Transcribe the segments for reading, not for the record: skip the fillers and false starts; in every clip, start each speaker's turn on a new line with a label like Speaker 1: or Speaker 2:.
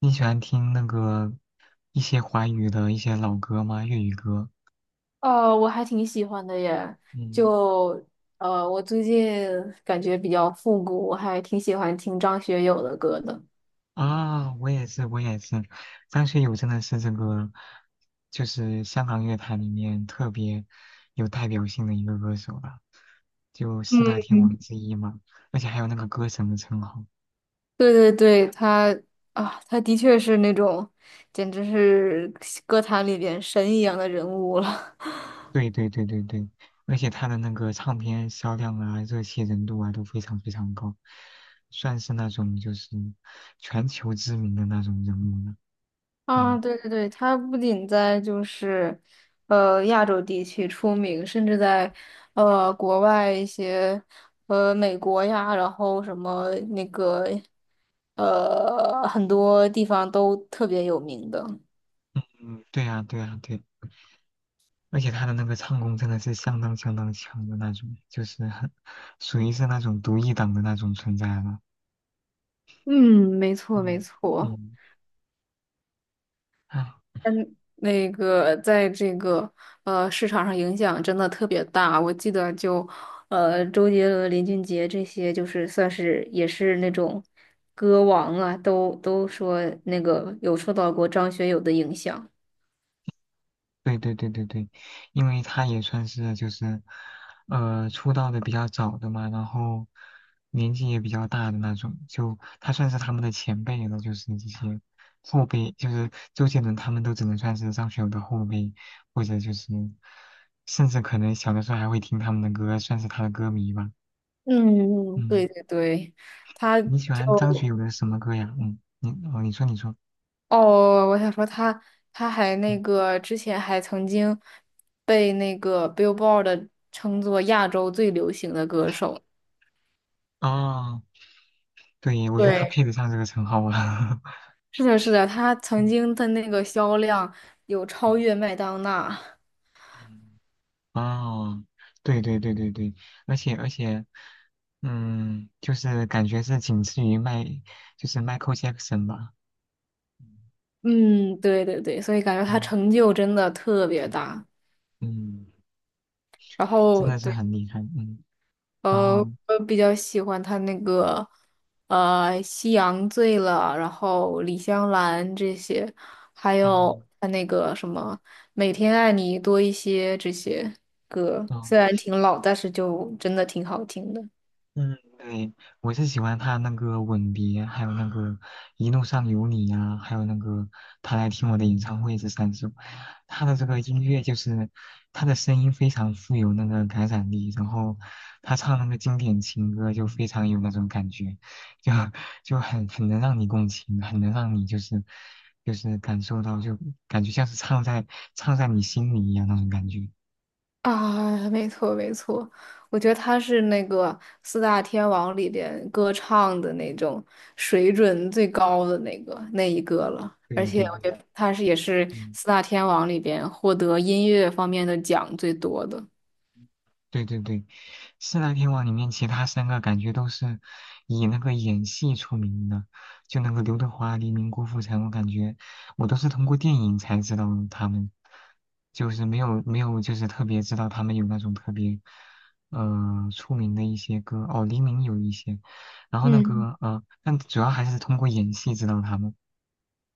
Speaker 1: 你喜欢听一些华语的一些老歌吗？粤语歌？
Speaker 2: 哦，我还挺喜欢的耶，
Speaker 1: 嗯，
Speaker 2: 就我最近感觉比较复古，我还挺喜欢听张学友的歌的。
Speaker 1: 啊，我也是，我也是。张学友真的是就是香港乐坛里面特别有代表性的一个歌手吧，就四大
Speaker 2: 嗯，
Speaker 1: 天王之一嘛，而且还有那个歌神的称号。
Speaker 2: 对对对，他的确是那种，简直是歌坛里边神一样的人物了。
Speaker 1: 对对对对对，而且他的那个唱片销量啊、热气人度啊都非常非常高，算是那种就是全球知名的那种人物了。
Speaker 2: 啊，
Speaker 1: 嗯。
Speaker 2: 对对对，它不仅在,亚洲地区出名，甚至在国外一些，美国呀，然后什么那个，很多地方都特别有名的。
Speaker 1: 嗯，对呀，对呀，对，而且他的那个唱功真的是相当相当强的那种，就是很属于是那种独一档的那种存在了。
Speaker 2: 嗯，没错没
Speaker 1: 嗯，
Speaker 2: 错。
Speaker 1: 嗯，唉。
Speaker 2: 嗯，那个在这个市场上影响真的特别大，我记得周杰伦、林俊杰这些，就是算是也是那种歌王啊，都说那个有受到过张学友的影响。
Speaker 1: 对对对对对，因为他也算是就是，出道的比较早的嘛，然后年纪也比较大的那种，就他算是他们的前辈了，就是这些后辈，就是周杰伦他们都只能算是张学友的后辈，或者就是，甚至可能小的时候还会听他们的歌，算是他的歌迷吧。
Speaker 2: 嗯，对
Speaker 1: 嗯，
Speaker 2: 对对，他
Speaker 1: 你喜欢张学
Speaker 2: 就
Speaker 1: 友的什么歌呀？嗯，你说你说，
Speaker 2: 哦，我想说他还
Speaker 1: 嗯，
Speaker 2: 那个之前还曾经被那个 Billboard 称作亚洲最流行的歌手。
Speaker 1: 哦，对，我觉得他
Speaker 2: 对，
Speaker 1: 配得上这个称号啊。
Speaker 2: 是的，是的，他 曾
Speaker 1: 嗯
Speaker 2: 经的那个销量有超越
Speaker 1: 嗯
Speaker 2: 麦当娜。
Speaker 1: 嗯哦，对对对对对，而且而且，嗯，就是感觉是仅次于就是 Michael Jackson 吧，
Speaker 2: 嗯，对对对，所以感觉他
Speaker 1: 嗯
Speaker 2: 成就真的特别
Speaker 1: 嗯
Speaker 2: 大。
Speaker 1: 嗯，
Speaker 2: 然
Speaker 1: 真
Speaker 2: 后
Speaker 1: 的是
Speaker 2: 对，
Speaker 1: 很厉害，嗯，然
Speaker 2: 呃，
Speaker 1: 后，
Speaker 2: 我比较喜欢他那个夕阳醉了》，然后《李香兰》这些，还
Speaker 1: 哦
Speaker 2: 有他那个什么《每天爱你多一些》这些歌，虽
Speaker 1: 哦。
Speaker 2: 然
Speaker 1: 嗯
Speaker 2: 挺老，但是就真的挺好听的。
Speaker 1: 嗯，对，我是喜欢他那个吻别，还有那个一路上有你呀、还有那个他来听我的演唱会这3首，他的这个音乐就是他的声音非常富有那个感染力，然后他唱那个经典情歌就非常有那种感觉，就就很能让你共情，很能让你就是感受到，就感觉像是唱在你心里一样那种感觉。
Speaker 2: 啊，没错没错，我觉得他是那个四大天王里边歌唱的那种水准最高的那一个了，而
Speaker 1: 对
Speaker 2: 且
Speaker 1: 对
Speaker 2: 我
Speaker 1: 对，
Speaker 2: 觉得他是也是四
Speaker 1: 嗯。
Speaker 2: 大天王里边获得音乐方面的奖最多的。
Speaker 1: 对对对，四大天王里面其他三个感觉都是以那个演戏出名的，就那个刘德华、黎明、郭富城，我感觉我都是通过电影才知道他们，就是没有就是特别知道他们有那种特别出名的一些歌哦，黎明有一些，然后
Speaker 2: 嗯。
Speaker 1: 但主要还是通过演戏知道他们，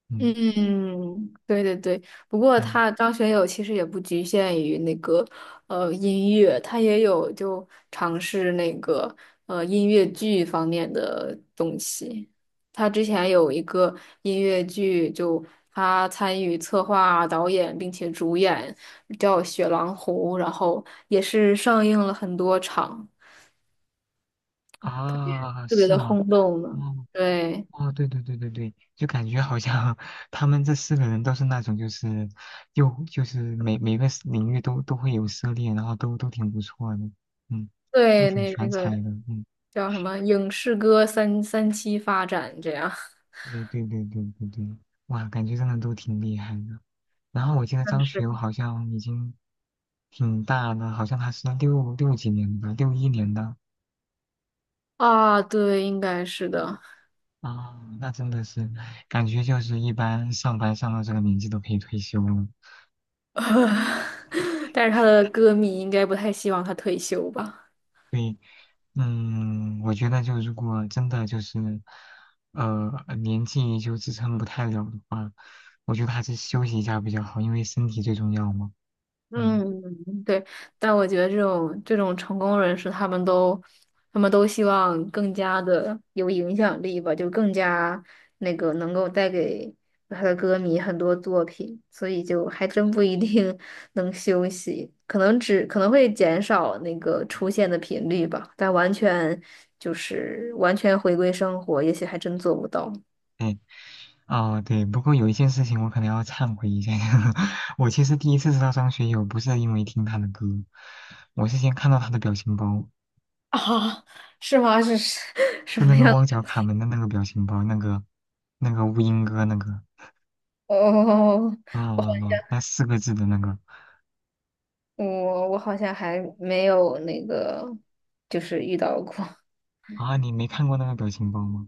Speaker 1: 嗯
Speaker 2: 嗯，对对对，不过
Speaker 1: 嗯
Speaker 2: 他张学友其实也不局限于那个音乐，他也有就尝试那个音乐剧方面的东西。他之前有一个音乐剧，就他参与策划、导演并且主演，叫《雪狼湖》，然后也是上映了很多场，
Speaker 1: 啊，
Speaker 2: 特别
Speaker 1: 是
Speaker 2: 的
Speaker 1: 吗？
Speaker 2: 轰动呢。
Speaker 1: 嗯。
Speaker 2: 对
Speaker 1: 哦，对对对对对，就感觉好像 他们这4个人都是那种，就是又就是每个 领域都会有涉猎，然后都挺不错的，嗯，都
Speaker 2: 对，
Speaker 1: 挺
Speaker 2: 那
Speaker 1: 全
Speaker 2: 那
Speaker 1: 才
Speaker 2: 个。
Speaker 1: 的，嗯，
Speaker 2: 叫什么影视歌三期发展这样
Speaker 1: 对对对对对对，哇，感觉真的都挺厉害的。然后我记得
Speaker 2: 但
Speaker 1: 张学
Speaker 2: 是
Speaker 1: 友好像已经挺大的，好像他是六几年的，六一年的
Speaker 2: 啊？对，应该是的。
Speaker 1: 啊，那真的是感觉就是一般上班上到这个年纪都可以退休了。
Speaker 2: 但是他的歌迷应该不太希望他退休吧？
Speaker 1: 对，嗯，我觉得就如果真的就是，呃，年纪就支撑不太了的话，我觉得还是休息一下比较好，因为身体最重要嘛。嗯，
Speaker 2: 嗯，对，但我觉得这种成功人士，他们都希望更加的有影响力吧，就更加那个能够带给他的歌迷很多作品，所以就还真不一定 能休息，可能会减少那个出现的频率吧，但完全回归生活，也许还真做不到。
Speaker 1: 哦，对，不过有一件事情我可能要忏悔一下，我其实第一次知道张学友不是因为听他的歌，我是先看到他的表情包，
Speaker 2: 啊，是吗？是 什
Speaker 1: 就那
Speaker 2: 么
Speaker 1: 个
Speaker 2: 样
Speaker 1: 汪角卡门的那个表情包，那个乌蝇哥那个，
Speaker 2: 哦，哦，
Speaker 1: 嗯嗯嗯，那4个字的那个
Speaker 2: 我好像还没有那个，就是遇到过。
Speaker 1: 啊，你没看过那个表情包吗？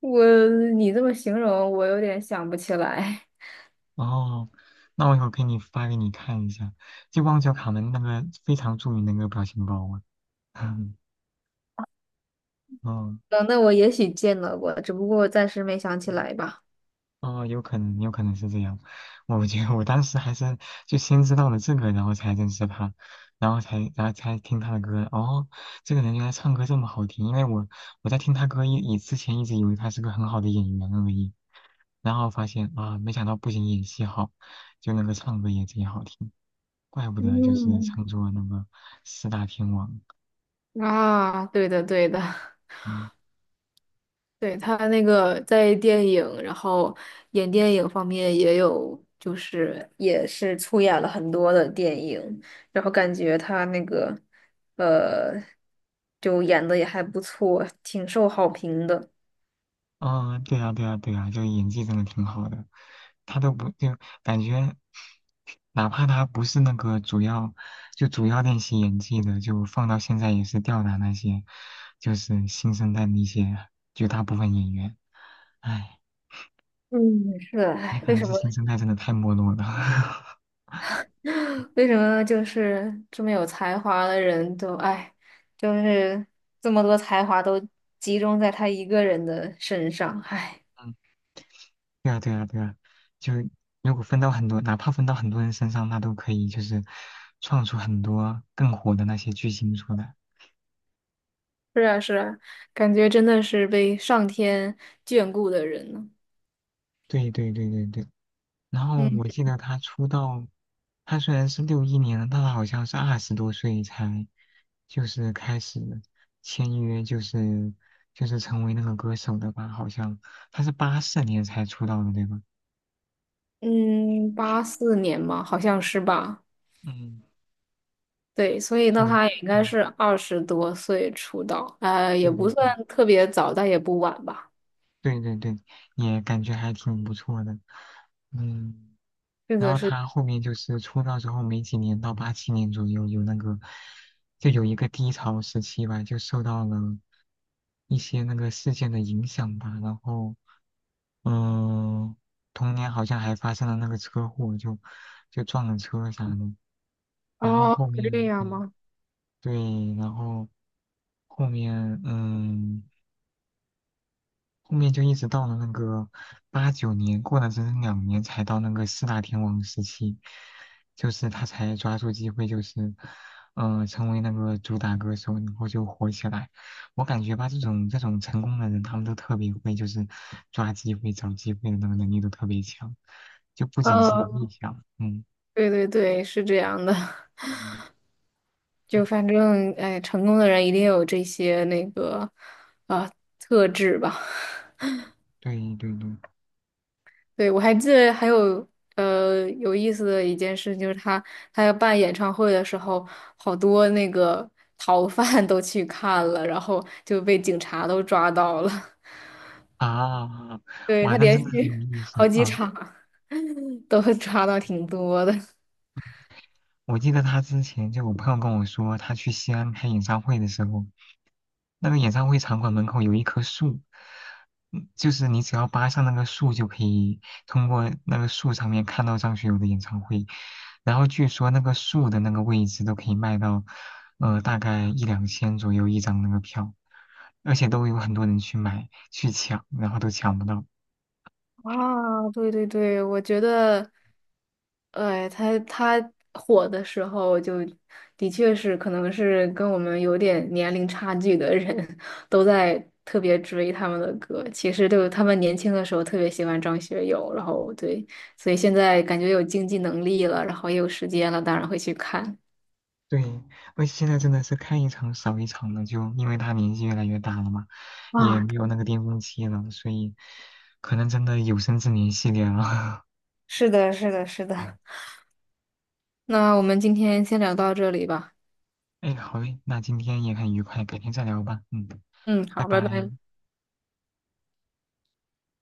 Speaker 2: 我你这么形容，我有点想不起来。
Speaker 1: 哦，那我一会儿给你发给你看一下，就旺角卡门那个非常著名的那个表情包啊。嗯，哦，
Speaker 2: 嗯，那我也许见到过，只不过我暂时没想起来吧。
Speaker 1: 哦，有可能，有可能是这样。我觉得我当时还是就先知道了这个，然后才认识他，然后才听他的歌。哦，这个人原来唱歌这么好听，因为我我在听他歌以之前一直以为他是个很好的演员而已，然后发现啊，没想到不仅演戏好，就那个唱歌也贼好听。怪不得就是
Speaker 2: 嗯，
Speaker 1: 唱作那个四大天王，
Speaker 2: 啊，对的，对的，
Speaker 1: 嗯，
Speaker 2: 对，他那个在电影，然后演电影方面也有，就是也是出演了很多的电影，然后感觉他那个，呃，就演的也还不错，挺受好评的。
Speaker 1: 哦，对啊，对啊，对啊，就演技真的挺好的，他都不就感觉，哪怕他不是那个主要，就主要练习演技的，就放到现在也是吊打那些，就是新生代那些绝大部分演员，唉，
Speaker 2: 嗯，是的，
Speaker 1: 也
Speaker 2: 哎，
Speaker 1: 可
Speaker 2: 为
Speaker 1: 能
Speaker 2: 什
Speaker 1: 是
Speaker 2: 么，
Speaker 1: 新生代真的太没落了，
Speaker 2: 为什么就是这么有才华的人都，哎，就是这么多才华都集中在他一个人的身上，哎，
Speaker 1: 对啊，对啊，对啊，就如果分到很多，哪怕分到很多人身上，那都可以，就是创出很多更火的那些巨星出来。
Speaker 2: 是啊，是啊，感觉真的是被上天眷顾的人呢。
Speaker 1: 对对对对对。然后
Speaker 2: 嗯
Speaker 1: 我记得他出道，他虽然是六一年的，但他好像是20多岁才就是开始签约，就是成为那个歌手的吧？好像他是84年才出道的，对吧？
Speaker 2: 嗯，84年嘛，好像是吧？
Speaker 1: 嗯，
Speaker 2: 对，所以那
Speaker 1: 就
Speaker 2: 他也应该
Speaker 1: 嗯，
Speaker 2: 是20多岁出道，也
Speaker 1: 对
Speaker 2: 不
Speaker 1: 对对。
Speaker 2: 算特别早，但也不晚吧？
Speaker 1: 对对对，也感觉还挺不错的，嗯，
Speaker 2: 是
Speaker 1: 然
Speaker 2: 的
Speaker 1: 后
Speaker 2: 是，
Speaker 1: 他后面就是出道之后没几年，到87年左右有那个，就有一个低潮时期吧，就受到了一些那个事件的影响吧，然后嗯，同年好像还发生了那个车祸，就撞了车啥的，然后
Speaker 2: 哦，
Speaker 1: 后
Speaker 2: 这
Speaker 1: 面
Speaker 2: 样
Speaker 1: 对
Speaker 2: 吗？
Speaker 1: 对，然后后面嗯。后面就一直到了那个89年，过了整整2年才到那个四大天王时期，就是他才抓住机会，就是成为那个主打歌手，然后就火起来。我感觉吧，这种成功的人，他们都特别会，就是抓机会、找机会的那个能力都特别强，就不仅是能力
Speaker 2: 呃。
Speaker 1: 强，嗯。
Speaker 2: 对对对，是这样的。
Speaker 1: 嗯，
Speaker 2: 就反正，哎，成功的人一定有这些那个啊、特质吧。
Speaker 1: 对对对，
Speaker 2: 对，我还记得还有有意思的一件事，就是他要办演唱会的时候，好多那个逃犯都去看了，然后就被警察都抓到了。
Speaker 1: 啊，
Speaker 2: 对，
Speaker 1: 哇，
Speaker 2: 他
Speaker 1: 那
Speaker 2: 连
Speaker 1: 真的很有
Speaker 2: 续
Speaker 1: 意思
Speaker 2: 好几
Speaker 1: 啊！
Speaker 2: 场都抓到挺多的。
Speaker 1: 我记得他之前就我朋友跟我说，他去西安开演唱会的时候，那个演唱会场馆门口有一棵树，嗯就是你只要扒上那个树，就可以通过那个树上面看到张学友的演唱会。然后据说那个树的那个位置都可以卖到，大概一两千左右一张那个票，而且都有很多人去买去抢，然后都抢不到。
Speaker 2: 啊，对对对，我觉得，哎，他火的时候就的确是，可能是跟我们有点年龄差距的人 都在特别追他们的歌。其实就他们年轻的时候特别喜欢张学友，然后对，所以现在感觉有经济能力了，然后也有时间了，当然会去看。
Speaker 1: 对，而且现在真的是看一场少一场了，就因为他年纪越来越大了嘛，也
Speaker 2: 啊，
Speaker 1: 没有那个巅峰期了，所以可能真的有生之年系列了。
Speaker 2: 是的，是的，是 的。那我们今天先聊到这里吧。
Speaker 1: 哎，好嘞，那今天也很愉快，改天再聊吧。嗯，
Speaker 2: 嗯，
Speaker 1: 拜
Speaker 2: 好，拜
Speaker 1: 拜。
Speaker 2: 拜。